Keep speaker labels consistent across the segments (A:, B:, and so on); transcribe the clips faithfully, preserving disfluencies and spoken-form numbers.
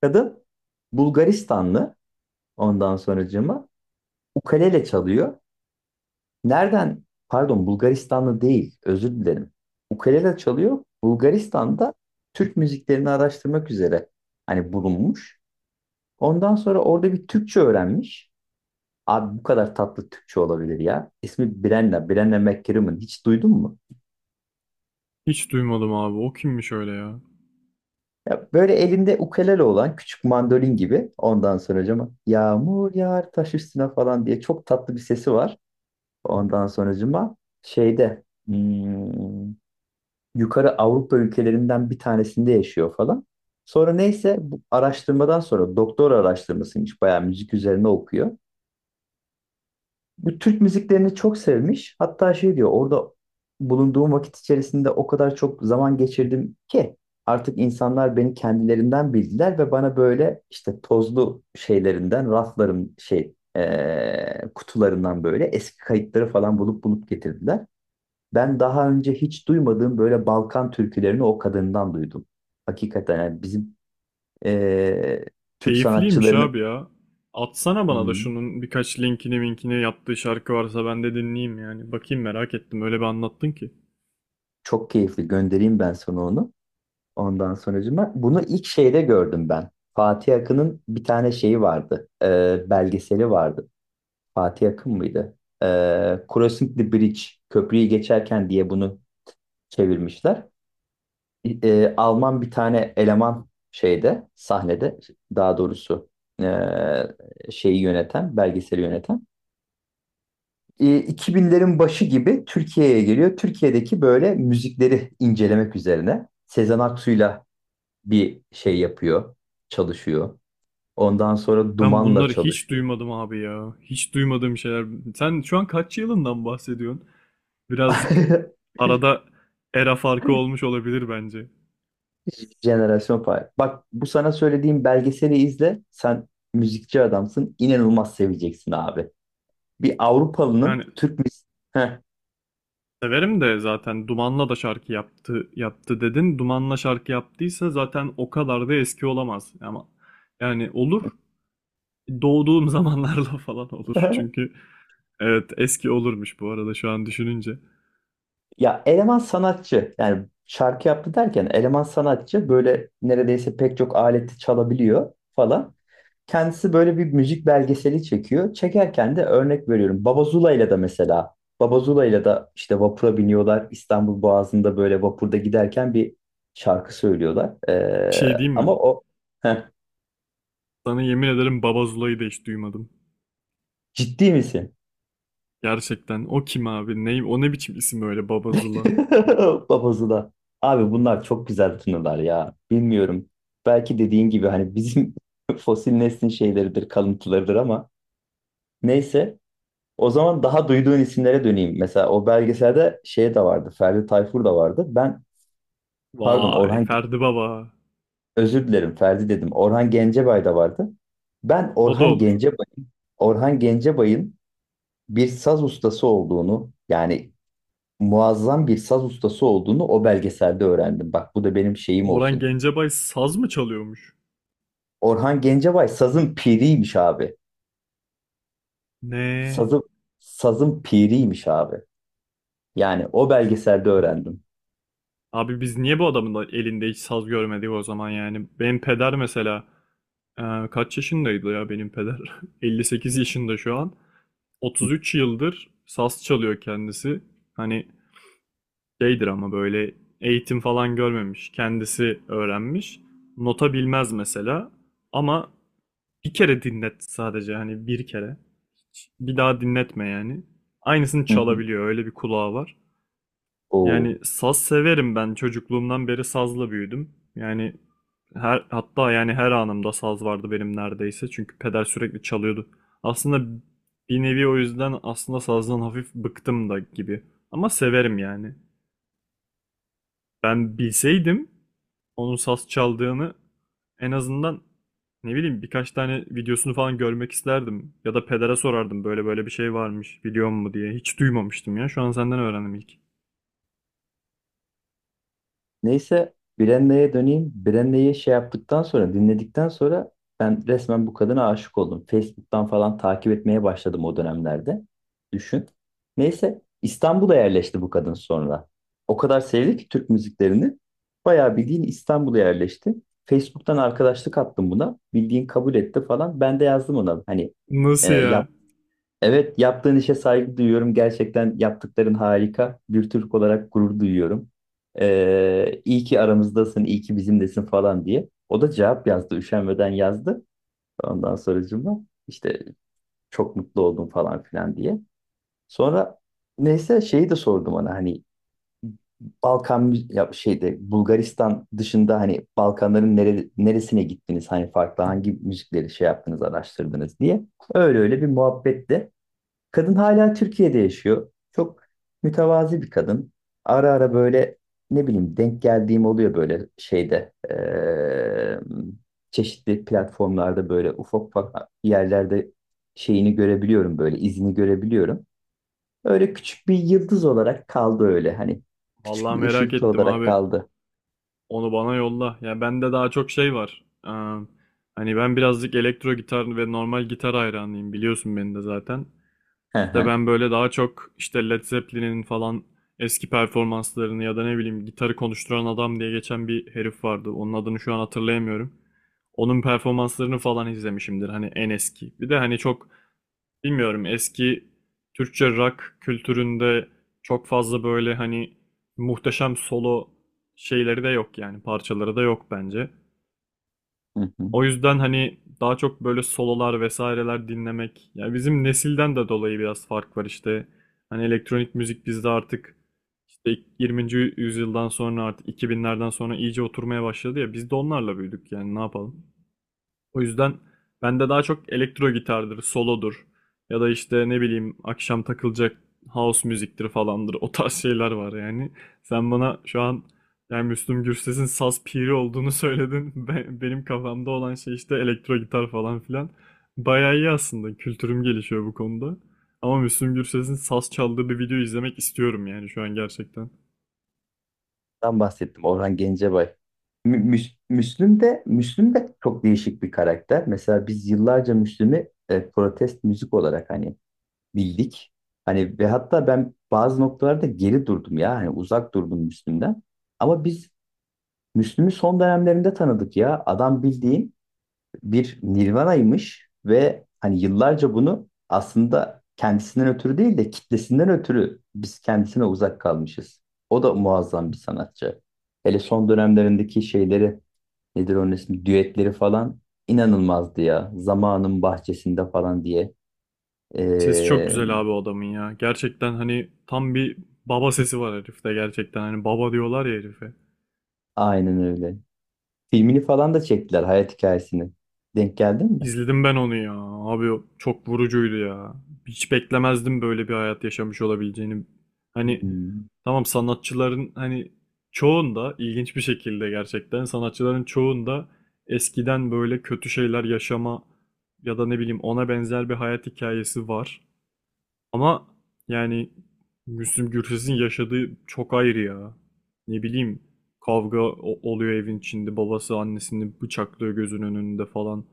A: Kadın Bulgaristanlı ondan sonracığıma ukulele çalıyor. Nereden? Pardon Bulgaristanlı değil özür dilerim. Ukulele çalıyor. Bulgaristan'da Türk müziklerini araştırmak üzere hani bulunmuş. Ondan sonra orada bir Türkçe öğrenmiş. Abi bu kadar tatlı Türkçe olabilir ya. İsmi Brenna, Brenna McCrimmon. Hiç duydun mu?
B: Hiç duymadım abi. O kimmiş öyle ya?
A: Ya böyle elinde ukulele olan küçük mandolin gibi ondan sonra hocama yağmur yağar taş üstüne falan diye çok tatlı bir sesi var. Ondan sonracıma şeyde hmm, yukarı Avrupa ülkelerinden bir tanesinde yaşıyor falan. Sonra neyse bu araştırmadan sonra doktora araştırmasıymış bayağı müzik üzerine okuyor. Bu Türk müziklerini çok sevmiş. Hatta şey diyor: orada bulunduğum vakit içerisinde o kadar çok zaman geçirdim ki artık insanlar beni kendilerinden bildiler ve bana böyle işte tozlu şeylerinden, rafların şey eee, kutularından böyle eski kayıtları falan bulup bulup getirdiler. Ben daha önce hiç duymadığım böyle Balkan türkülerini o kadından duydum. Hakikaten yani bizim eee, Türk
B: Keyifliymiş
A: sanatçılarını.
B: abi ya. Atsana bana da
A: Hmm,
B: şunun birkaç linkini minkini yaptığı şarkı varsa ben de dinleyeyim yani. Bakayım merak ettim. Öyle bir anlattın ki.
A: Çok keyifli, göndereyim ben sana onu. Ondan sonracığıma bunu ilk şeyde gördüm ben. Fatih Akın'ın bir tane şeyi vardı. Eee, belgeseli vardı. Fatih Akın mıydı? Eee Crossing the Bridge, köprüyü geçerken diye bunu çevirmişler. e, Alman bir tane eleman şeyde sahnede, daha doğrusu e, şeyi yöneten, belgeseli yöneten, e, iki binlerin başı gibi Türkiye'ye geliyor. Türkiye'deki böyle müzikleri incelemek üzerine Sezen Aksu'yla bir şey yapıyor, çalışıyor. Ondan sonra
B: Ben
A: Duman'la
B: bunları hiç
A: çalışıyor.
B: duymadım abi ya. Hiç duymadığım şeyler. Sen şu an kaç yılından bahsediyorsun? Birazcık arada era farkı olmuş olabilir bence.
A: Jenerasyon Fire. Bak, bu sana söylediğim belgeseli izle. Sen müzikçi adamsın. İnanılmaz seveceksin abi. Bir Avrupalının
B: Yani
A: Türk müziği.
B: severim de zaten Duman'la da şarkı yaptı yaptı dedin. Duman'la şarkı yaptıysa zaten o kadar da eski olamaz. Ama yani olur doğduğum zamanlarla falan olur. Çünkü evet eski olurmuş bu arada şu an düşününce.
A: Ya eleman sanatçı, yani şarkı yaptı derken, eleman sanatçı böyle neredeyse pek çok aleti çalabiliyor falan. Kendisi böyle bir müzik belgeseli çekiyor. Çekerken de örnek veriyorum, Baba Zula'yla da mesela. Baba Zula'yla da işte vapura biniyorlar. İstanbul Boğazı'nda böyle vapurda giderken bir şarkı söylüyorlar.
B: Şey
A: Ee,
B: diyeyim mi?
A: ama o. Heh,
B: Sana yemin ederim Babazula'yı da hiç duymadım.
A: ciddi misin?
B: Gerçekten. O kim abi? Ne, o ne biçim isim öyle Babazula?
A: Babası da. Abi bunlar çok güzel tınılar ya. Bilmiyorum. Belki dediğin gibi hani bizim fosil neslin şeyleridir, kalıntılarıdır ama neyse. O zaman daha duyduğun isimlere döneyim. Mesela o belgeselde şey de vardı. Ferdi Tayfur da vardı. Ben, pardon
B: Vay
A: Orhan,
B: Ferdi Baba.
A: özür dilerim Ferdi dedim. Orhan Gencebay da vardı. Ben
B: O da
A: Orhan
B: olur.
A: Gencebay Orhan Gencebay'ın bir saz ustası olduğunu, yani muazzam bir saz ustası olduğunu o belgeselde öğrendim. Bak, bu da benim şeyim
B: Orhan
A: olsun.
B: Gencebay saz mı çalıyormuş?
A: Orhan Gencebay sazın piriymiş abi.
B: Ne?
A: Sazın, sazın piriymiş abi. Yani o belgeselde öğrendim.
B: Abi biz niye bu adamın da elinde hiç saz görmedik o zaman yani? Benim peder mesela e, kaç yaşındaydı ya benim peder? elli sekiz yaşında şu an. otuz üç yıldır saz çalıyor kendisi. Hani şeydir ama böyle eğitim falan görmemiş. Kendisi öğrenmiş. Nota bilmez mesela. Ama bir kere dinlet sadece hani bir kere. Bir daha dinletme yani. Aynısını
A: Hı hı.
B: çalabiliyor. Öyle bir kulağı var.
A: Oo.
B: Yani saz severim ben. Çocukluğumdan beri sazla büyüdüm. Yani her hatta yani her anımda saz vardı benim neredeyse. Çünkü peder sürekli çalıyordu. Aslında bir nevi o yüzden aslında sazdan hafif bıktım da gibi. Ama severim yani. Ben bilseydim onun saz çaldığını en azından ne bileyim birkaç tane videosunu falan görmek isterdim. Ya da pedere sorardım böyle böyle bir şey varmış biliyor mu diye. Hiç duymamıştım ya. Şu an senden öğrendim ilk.
A: Neyse, Brenna'ya döneyim. Brenna'yı şey yaptıktan sonra, dinledikten sonra, ben resmen bu kadına aşık oldum. Facebook'tan falan takip etmeye başladım o dönemlerde. Düşün. Neyse, İstanbul'a yerleşti bu kadın sonra. O kadar sevdi ki Türk müziklerini. Bayağı bildiğin İstanbul'a yerleşti. Facebook'tan arkadaşlık attım buna. Bildiğin kabul etti falan. Ben de yazdım ona. Hani,
B: Nasıl
A: e,
B: ya?
A: Evet, yaptığın işe saygı duyuyorum. Gerçekten yaptıkların harika. Bir Türk olarak gurur duyuyorum. Ee, iyi ki aramızdasın, iyi ki bizimlesin falan diye. O da cevap yazdı, üşenmeden yazdı. Ondan sonracığıma işte çok mutlu oldum falan filan diye. Sonra neyse şeyi de sordum ona, hani Balkan mü- ya şeyde Bulgaristan dışında hani Balkanların nere- neresine gittiniz? Hani farklı hangi müzikleri şey yaptınız, araştırdınız diye. Öyle öyle bir muhabbetti. Kadın hala Türkiye'de yaşıyor. Çok mütevazi bir kadın. Ara ara böyle ne bileyim denk geldiğim oluyor, böyle şeyde eee, çeşitli platformlarda, böyle ufak ufak yerlerde şeyini görebiliyorum, böyle izini görebiliyorum. Öyle küçük bir yıldız olarak kaldı, öyle hani küçük
B: Vallahi
A: bir
B: merak
A: ışıltı
B: ettim
A: olarak
B: abi.
A: kaldı.
B: Onu bana yolla. Ya bende daha çok şey var. Ee, hani ben birazcık elektro gitar ve normal gitar hayranıyım. Biliyorsun beni de zaten.
A: Hı
B: İşte
A: hı.
B: ben böyle daha çok işte Led Zeppelin'in falan eski performanslarını ya da ne bileyim gitarı konuşturan adam diye geçen bir herif vardı. Onun adını şu an hatırlayamıyorum. Onun performanslarını falan izlemişimdir. Hani en eski. Bir de hani çok bilmiyorum eski Türkçe rock kültüründe çok fazla böyle hani muhteşem solo şeyleri de yok yani parçaları da yok bence.
A: Hı hı.
B: O yüzden hani daha çok böyle sololar vesaireler dinlemek. Yani bizim nesilden de dolayı biraz fark var işte. Hani elektronik müzik bizde artık işte yirminci yüzyıldan sonra artık iki binlerden sonra iyice oturmaya başladı ya biz de onlarla büyüdük yani ne yapalım. O yüzden bende daha çok elektro gitardır, solodur ya da işte ne bileyim akşam takılacak house müziktir falandır. O tarz şeyler var yani. Sen bana şu an yani Müslüm Gürses'in saz piri olduğunu söyledin. Be- benim kafamda olan şey işte elektro gitar falan filan. Bayağı iyi aslında. Kültürüm gelişiyor bu konuda. Ama Müslüm Gürses'in saz çaldığı bir video izlemek istiyorum yani şu an gerçekten.
A: Ben bahsettim, Orhan Gencebay. Mü- Müs- Müslüm de Müslüm de çok değişik bir karakter. Mesela biz yıllarca Müslüm'ü e, protest müzik olarak hani bildik. Hani ve hatta ben bazı noktalarda geri durdum ya. Hani uzak durdum Müslüm'den. Ama biz Müslüm'ü son dönemlerinde tanıdık ya. Adam bildiğin bir Nirvana'ymış ve hani yıllarca bunu aslında kendisinden ötürü değil de kitlesinden ötürü biz kendisine uzak kalmışız. O da muazzam bir sanatçı. Hele son dönemlerindeki şeyleri, nedir onun ismi, düetleri falan, inanılmazdı ya. Zamanın bahçesinde falan diye.
B: Sesi çok
A: Ee,
B: güzel abi o adamın ya. Gerçekten hani tam bir baba sesi var herifte gerçekten. Hani baba diyorlar ya herife.
A: aynen öyle. Filmini falan da çektiler, hayat hikayesini. Denk geldin mi?
B: İzledim ben onu ya. Abi o çok vurucuydu ya. Hiç beklemezdim böyle bir hayat yaşamış olabileceğini. Hani
A: Hmm.
B: tamam, sanatçıların hani çoğunda ilginç bir şekilde gerçekten sanatçıların çoğunda eskiden böyle kötü şeyler yaşama ya da ne bileyim ona benzer bir hayat hikayesi var. Ama yani Müslüm Gürses'in yaşadığı çok ayrı ya. Ne bileyim kavga o- oluyor evin içinde. Babası annesini bıçaklıyor gözünün önünde falan.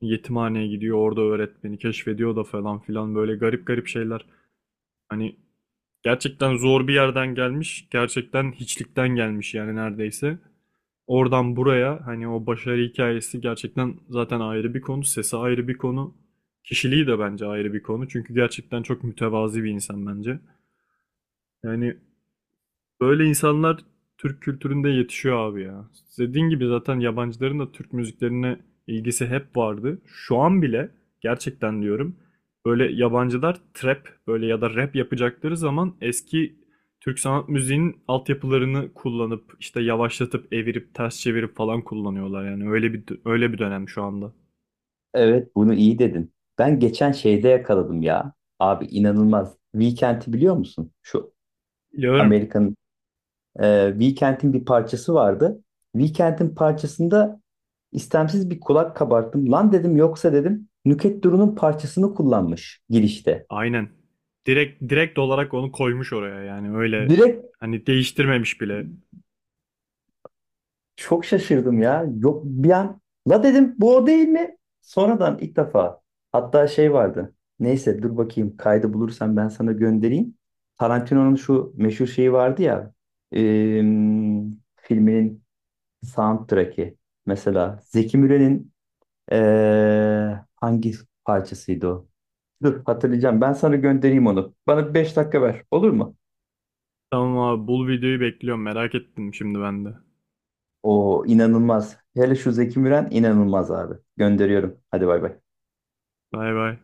B: Yetimhaneye gidiyor orada öğretmeni keşfediyor da falan filan böyle garip garip şeyler. Hani gerçekten zor bir yerden gelmiş. Gerçekten hiçlikten gelmiş yani neredeyse. Oradan buraya hani o başarı hikayesi gerçekten zaten ayrı bir konu. Sesi ayrı bir konu. Kişiliği de bence ayrı bir konu. Çünkü gerçekten çok mütevazi bir insan bence. Yani böyle insanlar Türk kültüründe yetişiyor abi ya. Dediğin gibi zaten yabancıların da Türk müziklerine ilgisi hep vardı. Şu an bile gerçekten diyorum böyle yabancılar trap böyle ya da rap yapacakları zaman eski Türk sanat müziğinin altyapılarını kullanıp işte yavaşlatıp evirip ters çevirip falan kullanıyorlar yani öyle bir öyle bir dönem şu anda.
A: Evet, bunu iyi dedin. Ben geçen şeyde yakaladım ya. Abi inanılmaz. Weekend'i biliyor musun? Şu
B: Biliyorum.
A: Amerika'nın, e, Weekend'in bir parçası vardı. Weekend'in parçasında istemsiz bir kulak kabarttım. Lan dedim, yoksa dedim Nükhet Duru'nun parçasını kullanmış girişte.
B: Aynen. Direkt direkt olarak onu koymuş oraya yani öyle
A: Direkt.
B: hani değiştirmemiş bile.
A: Çok şaşırdım ya. Yok, bir an la dedim, bu o değil mi? Sonradan ilk defa. Hatta şey vardı. Neyse, dur bakayım, kaydı bulursam ben sana göndereyim. Tarantino'nun şu meşhur şeyi vardı ya. Em, filminin soundtrack'i. Mesela Zeki Müren'in eee, hangi parçasıydı o? Dur, hatırlayacağım. Ben sana göndereyim onu. Bana beş dakika ver. Olur mu?
B: Tamam abi bul videoyu bekliyorum merak ettim şimdi ben de.
A: O inanılmaz. Hele şu Zeki Müren inanılmaz abi. Gönderiyorum. Hadi bay bay.
B: Bay bay.